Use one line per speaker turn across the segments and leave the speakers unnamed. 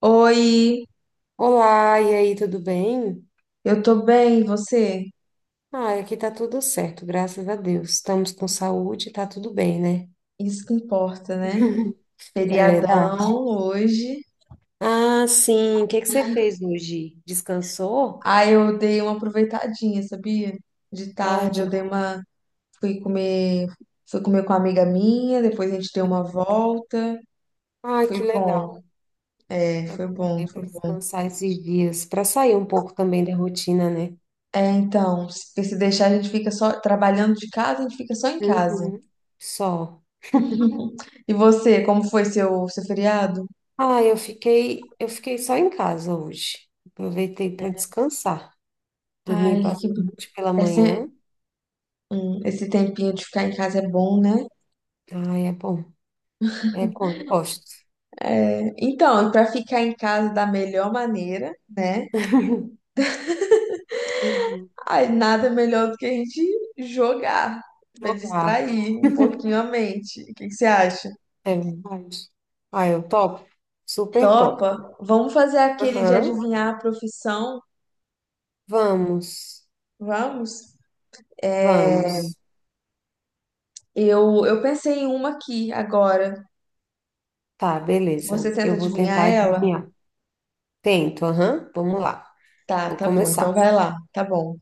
Oi,
Olá, e aí, tudo bem?
eu tô bem, e você?
Ah, aqui tá tudo certo, graças a Deus. Estamos com saúde, tá tudo bem, né?
Isso que importa, né?
É verdade.
Feriadão hoje.
Ah, sim. O que que você fez hoje? Descansou?
Ah, eu dei uma aproveitadinha, sabia? De
Ai,
tarde
que,
eu dei uma, fui comer, fui comer com uma amiga minha, depois a gente deu uma volta.
Ai, que
Foi bom,
legal.
é,
É
foi
bom,
bom,
né, para
foi bom.
descansar esses dias, para sair um pouco também da rotina, né?
É, então, se porque se deixar a gente fica só trabalhando de casa, a gente fica só em casa.
Uhum. Só.
Uhum. E você, como foi seu feriado?
Ah, eu fiquei só em casa hoje. Aproveitei para descansar. Dormi
Ai, que...
bastante pela
esse,
manhã.
esse tempinho de ficar em casa é bom, né?
Ah, é bom. É bom, eu gosto.
Então, para ficar em casa da melhor maneira, né?
Uhum.
Aí nada melhor do que a gente jogar, para
Jogar.
distrair um pouquinho a mente. O que que você acha?
É verdade. Ah, eu topo. Super top.
Topa? Vamos fazer aquele de
Aham.
adivinhar a profissão?
Vamos.
Vamos? É,
Vamos.
eu pensei em uma aqui agora.
Tá,
Você
beleza.
tenta
Eu vou
adivinhar
tentar
ela?
adivinhar. Tento, aham. Vamos lá.
Tá,
Vou
tá bom. Então
começar.
vai lá. Tá bom.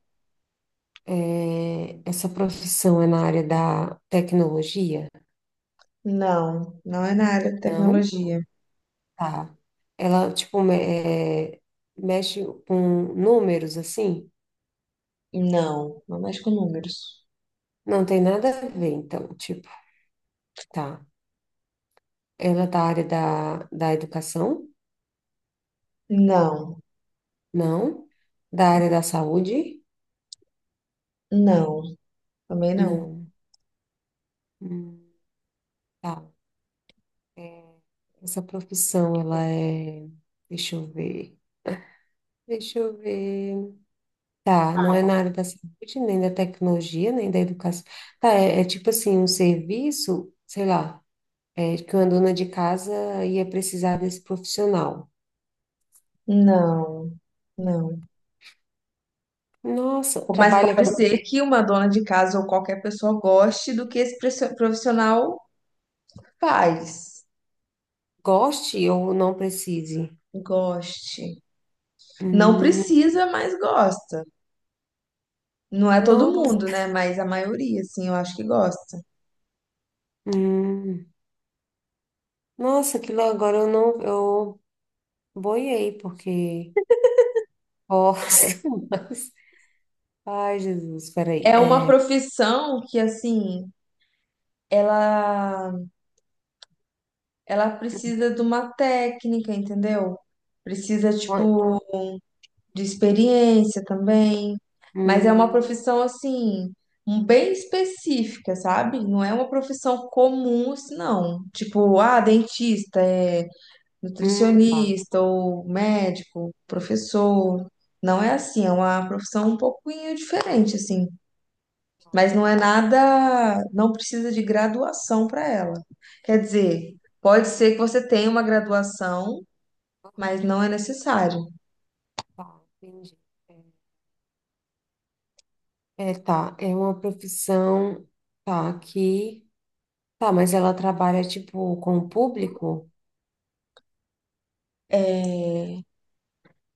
Essa profissão é na área da tecnologia?
Não, não é na área de
Não?
tecnologia.
Tá. Ela, tipo, é, mexe com números, assim?
Não, não mexe com números.
Não tem nada a ver, então, tipo, tá. Ela é da área da educação?
Não,
Não? Da área da saúde?
não, também não.
Não. Hum, tá. Essa profissão, ela é. Deixa eu ver. Deixa eu ver. Tá, não é na área da saúde, nem da tecnologia, nem da educação. Tá, é tipo assim, um serviço, sei lá, que uma dona de casa ia precisar desse profissional.
Não, não.
Nossa,
Mas
trabalha
pode
com
ser que uma dona de casa ou qualquer pessoa goste do que esse profissional faz.
goste ou não precise?
Goste. Não
Hum,
precisa, mas gosta. Não é todo
Nossa,
mundo, né? Mas a maioria, assim, eu acho que gosta.
hum, nossa, aquilo agora eu não, eu boiei, porque Forças. Ai, Jesus, peraí.
É uma profissão que, assim, ela, ela precisa de uma técnica, entendeu? Precisa, tipo, de experiência também, mas é uma
Hum,
profissão assim, um bem específica, sabe? Não é uma profissão comum, assim, não. Tipo, ah, dentista, é
tá.
nutricionista ou médico, professor. Não é assim, é uma profissão um pouquinho diferente, assim. Mas não é nada, não precisa de graduação para ela. Quer dizer, pode ser que você tenha uma graduação, mas
Aham,
não é necessário.
tá, entendi. Tá, é uma profissão, tá, aqui. Tá, mas ela trabalha, tipo, com o público?
É,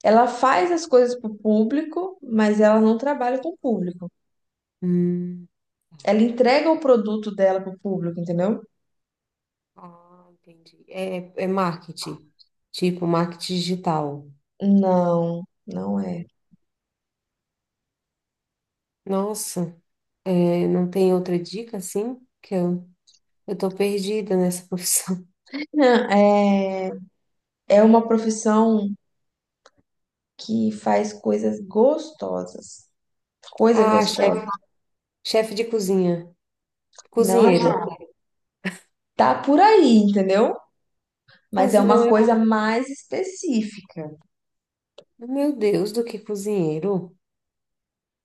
ela faz as coisas para o público, mas ela não trabalha com o público.
Hum,
Ela entrega o produto dela para o público, entendeu?
ah, entendi. É marketing, tipo, marketing digital.
Não, não é.
Nossa, não tem outra dica, assim? Que eu tô perdida nessa profissão.
É, é uma profissão que faz coisas gostosas. Coisa
Ah,
gostosa.
chefe, chefe de cozinha,
Não é.
cozinheiro.
Tá por aí, entendeu? Mas é
Cozinhão
uma
é,
coisa mais específica.
meu Deus, do que cozinheiro?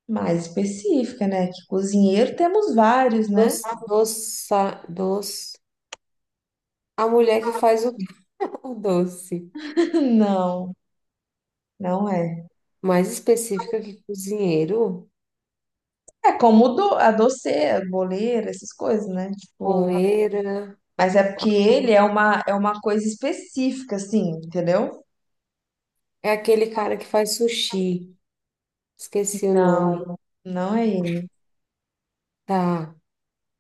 Mais específica, né? Que cozinheiro temos vários, né?
Doce, doça, doce. A mulher que faz o, o doce.
Não, não é.
Mais específica que cozinheiro,
É como do, a doceira, boleira, essas coisas, né? Tipo,
coleira.
mas é porque ele é uma coisa específica, assim, entendeu?
É aquele cara que faz sushi. Esqueci o nome.
Não, não é ele.
Tá.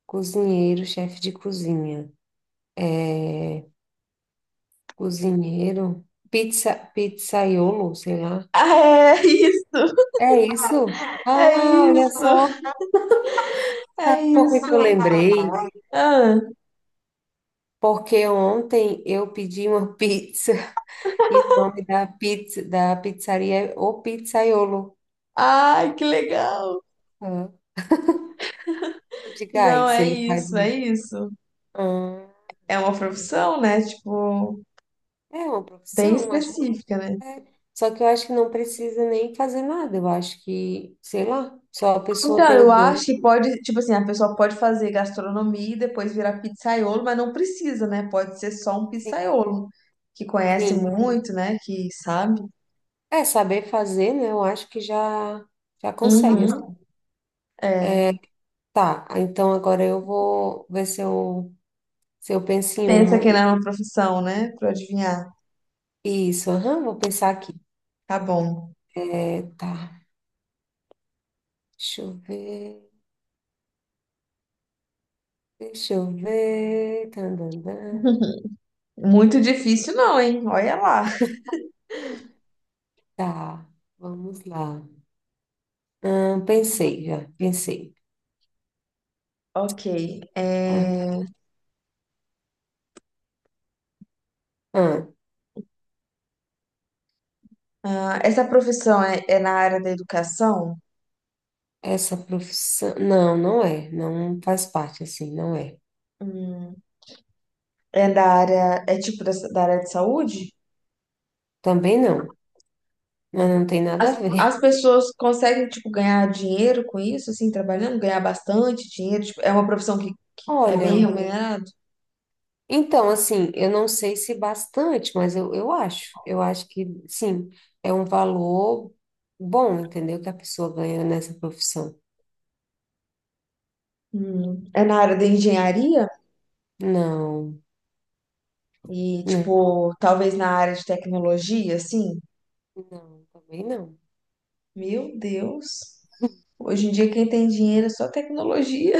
Cozinheiro, chefe de cozinha. É, Cozinheiro. Pizza, pizzaiolo, sei lá. É isso?
Ah, é
Ah,
isso!
olha
É isso!
só.
É
Sabe por que que eu
isso!
lembrei?
Ah,
Porque ontem eu pedi uma pizza e o nome da pizza da pizzaria é O Pizzaiolo.
ai, que legal!
Ah, eu digo, ai,
Não,
se
é
ele faz
isso, é
uma...
isso.
Ah,
É uma profissão, né? Tipo,
é uma
bem
profissão, acho que
específica, né?
é. Só que eu acho que não precisa nem fazer nada. Eu acho que, sei lá, só a pessoa
Então,
ter o
eu acho
dom.
que pode, tipo assim, a pessoa pode fazer gastronomia e depois virar pizzaiolo, mas não precisa, né? Pode ser só um
Sim,
pizzaiolo, que conhece
sim.
muito, né? Que sabe.
É saber fazer, né? Eu acho que já já consegue, assim.
Uhum. É.
É, tá, então agora eu vou ver se eu penso em
Pensa
uma.
que não é uma profissão, né? Pra adivinhar.
Isso, aham, vou pensar aqui.
Tá bom.
Tá. Deixa eu ver. Deixa eu ver. Tandandã.
Muito difícil não, hein? Olha lá.
Tá. Vamos lá. Ah, pensei já. Pensei.
Ok.
Ah,
É,
ah,
ah, essa profissão é, é na área da educação?
essa profissão. Não, não é. Não faz parte assim. Não é.
Hum, É da área, é tipo da, da área de saúde?
Também não. Mas não tem nada a
As,
ver.
as pessoas conseguem, tipo, ganhar dinheiro com isso, assim, trabalhando, ganhar bastante dinheiro, tipo, é uma profissão que é bem
Olha,
remunerada.
então, assim, eu não sei se bastante, mas eu acho. Eu acho que, sim, é um valor bom, entendeu? Que a pessoa ganha nessa profissão.
Hum. É na área da engenharia
Não,
e,
não,
tipo, talvez na área de tecnologia, assim.
não, também não.
Meu Deus. Hoje em dia quem tem dinheiro é só tecnologia.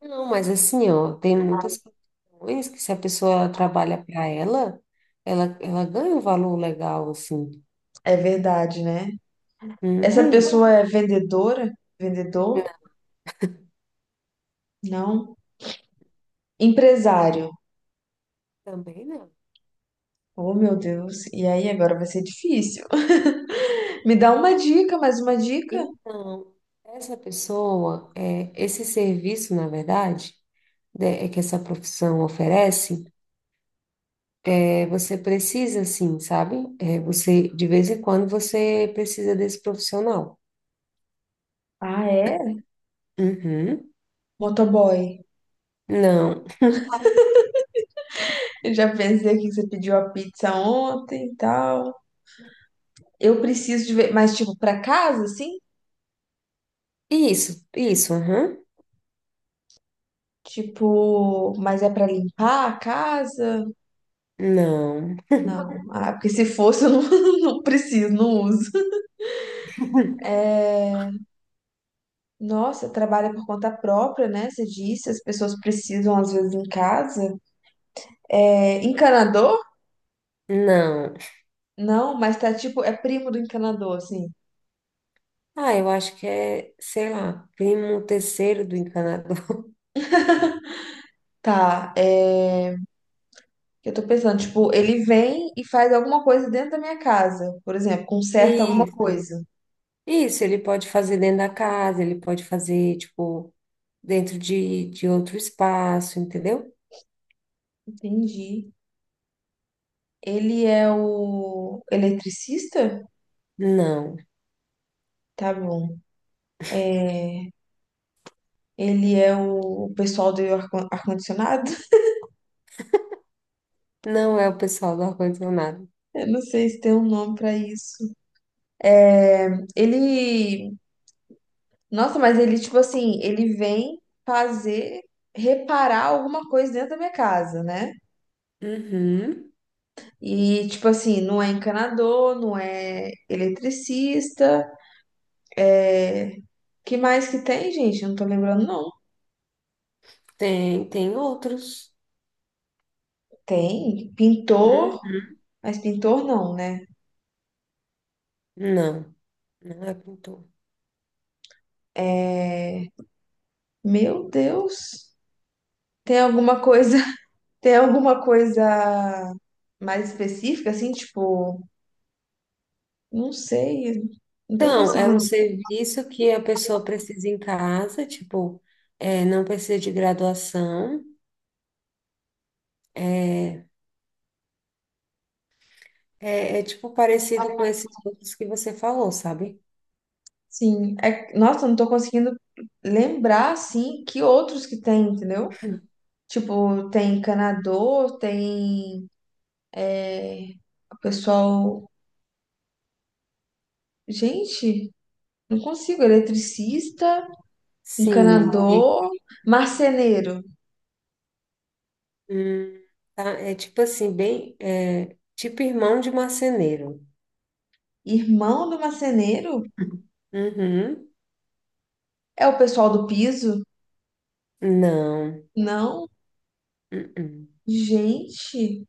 Não, mas assim, ó, tem muitas profissões que se a pessoa trabalha para ela, ela ganha um valor legal, assim.
É verdade, né? Essa
Uhum.
pessoa é vendedora? Vendedor? Não. Empresário.
Também não.
Oh, meu Deus. E aí agora vai ser difícil. Me dá uma dica, mais uma dica.
Então, essa pessoa, esse serviço, na verdade, né, é que essa profissão oferece, você precisa, assim, sabe? Você, de vez em quando, você precisa desse profissional.
Ah, é?
Uhum.
Motoboy.
Não.
Eu já pensei aqui que você pediu a pizza ontem e tal. Eu preciso de ver, mas tipo, pra casa, assim?
Isso, aham.
Tipo, mas é pra limpar a casa?
Não.
Não. Ah, porque se fosse, eu não, não preciso, não uso. Nossa, trabalha por conta própria, né? Você disse, as pessoas precisam às vezes em casa. É, encanador?
Não.
Não, mas tá tipo, é primo do encanador, assim.
Ah, eu acho que é, sei lá, primo terceiro do encanador.
Tá, é. Eu tô pensando, tipo, ele vem e faz alguma coisa dentro da minha casa, por exemplo, conserta alguma
Isso,
coisa.
isso, ele pode fazer dentro da casa, ele pode fazer, tipo, dentro de outro espaço, entendeu?
Entendi. Ele é o eletricista?
Não,
Tá bom. Ele é o pessoal do ar-condicionado?
não é o pessoal do ar-condicionado.
Eu não sei se tem um nome pra isso. É, ele. Nossa, mas ele, tipo assim, ele vem fazer. Reparar alguma coisa dentro da minha casa, né?
Uhum,
E, tipo assim, não é encanador, não é eletricista, é que mais que tem, gente? Eu não tô lembrando, não.
tem outros.
Tem pintor,
Uhum,
mas pintor não, né?
não, não é pintor.
É... Meu Deus. Tem alguma coisa, tem alguma coisa mais específica, assim, tipo, não sei, não tô
Então, é um
conseguindo.
serviço que a pessoa precisa em casa, tipo, não precisa de graduação. é, é tipo parecido com esses outros que você falou, sabe?
Sim, é... nossa, não tô conseguindo lembrar, assim, que outros que tem, entendeu? Tipo, tem encanador, tem é, o pessoal. Gente, não consigo, eletricista.
Sim.
Encanador, marceneiro.
Hum, tá, é tipo assim, bem. Tipo irmão de marceneiro.
Irmão do marceneiro?
Uhum.
É o pessoal do piso?
Não.
Não.
Uh-uh.
Gente,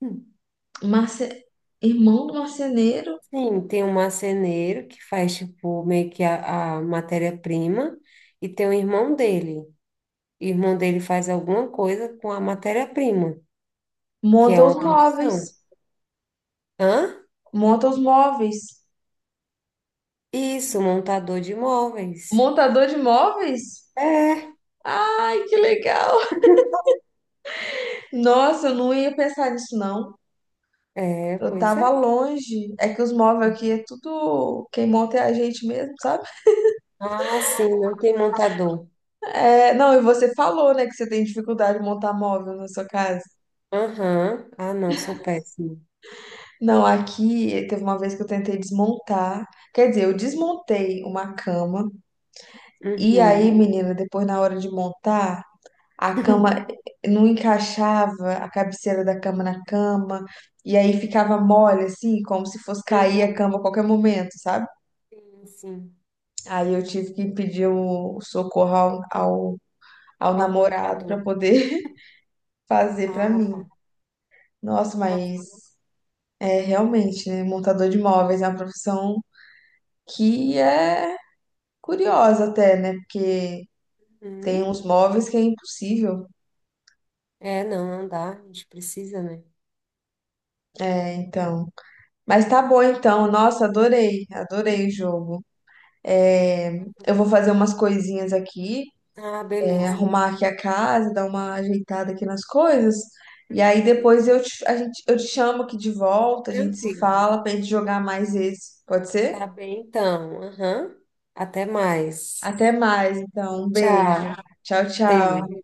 Hum.
marce... irmão do marceneiro
Sim, tem um marceneiro que faz, tipo, meio que a matéria-prima, e tem o irmão dele. O irmão dele faz alguma coisa com a matéria-prima, que é
monta os
uma
móveis.
profissão. Hã?
Monta os móveis.
Isso, montador de móveis.
Montador de móveis?
É,
Ai, que legal. Nossa, eu não ia pensar nisso, não. Eu
Pois
tava
é.
longe. É que os móveis aqui é tudo. Quem monta é a gente mesmo, sabe?
Ah, sim, não tem montador.
É... Não, e você falou, né, que você tem dificuldade de montar móvel na sua casa.
Aham. Ah, não, sou péssimo.
Não, aqui teve uma vez que eu tentei desmontar. Quer dizer, eu desmontei uma cama. E aí,
Uhum.
menina, depois na hora de montar, a cama não encaixava, a cabeceira da cama na cama. E aí ficava mole, assim, como se fosse cair a
Uhum.
cama a qualquer momento, sabe?
Sim, sim.
Aí eu tive que pedir o socorro ao
Ao
namorado para
montador.
poder fazer para
Ah,
mim.
tá.
Nossa,
Nossa.
mas é realmente, né? Montador de móveis é uma profissão que é curiosa até, né? Porque tem
Uhum.
uns móveis que é impossível.
Não, não dá. A gente precisa, né?
É, então. Mas tá bom então. Nossa, adorei. Adorei o
Uhum.
jogo. É,
Foi
eu vou
muito
fazer
bom.
umas coisinhas aqui,
Ah,
é,
beleza.
arrumar aqui a casa, dar uma ajeitada aqui nas coisas. E aí
Uhum.
depois eu te, a gente, eu te chamo aqui de volta, a gente se
Tranquilo.
fala pra gente jogar mais esse. Pode ser?
Tá bem, então. Aham. Até mais.
Até mais, então. Um beijo.
Tchau.
Tchau,
Beijo.
tchau.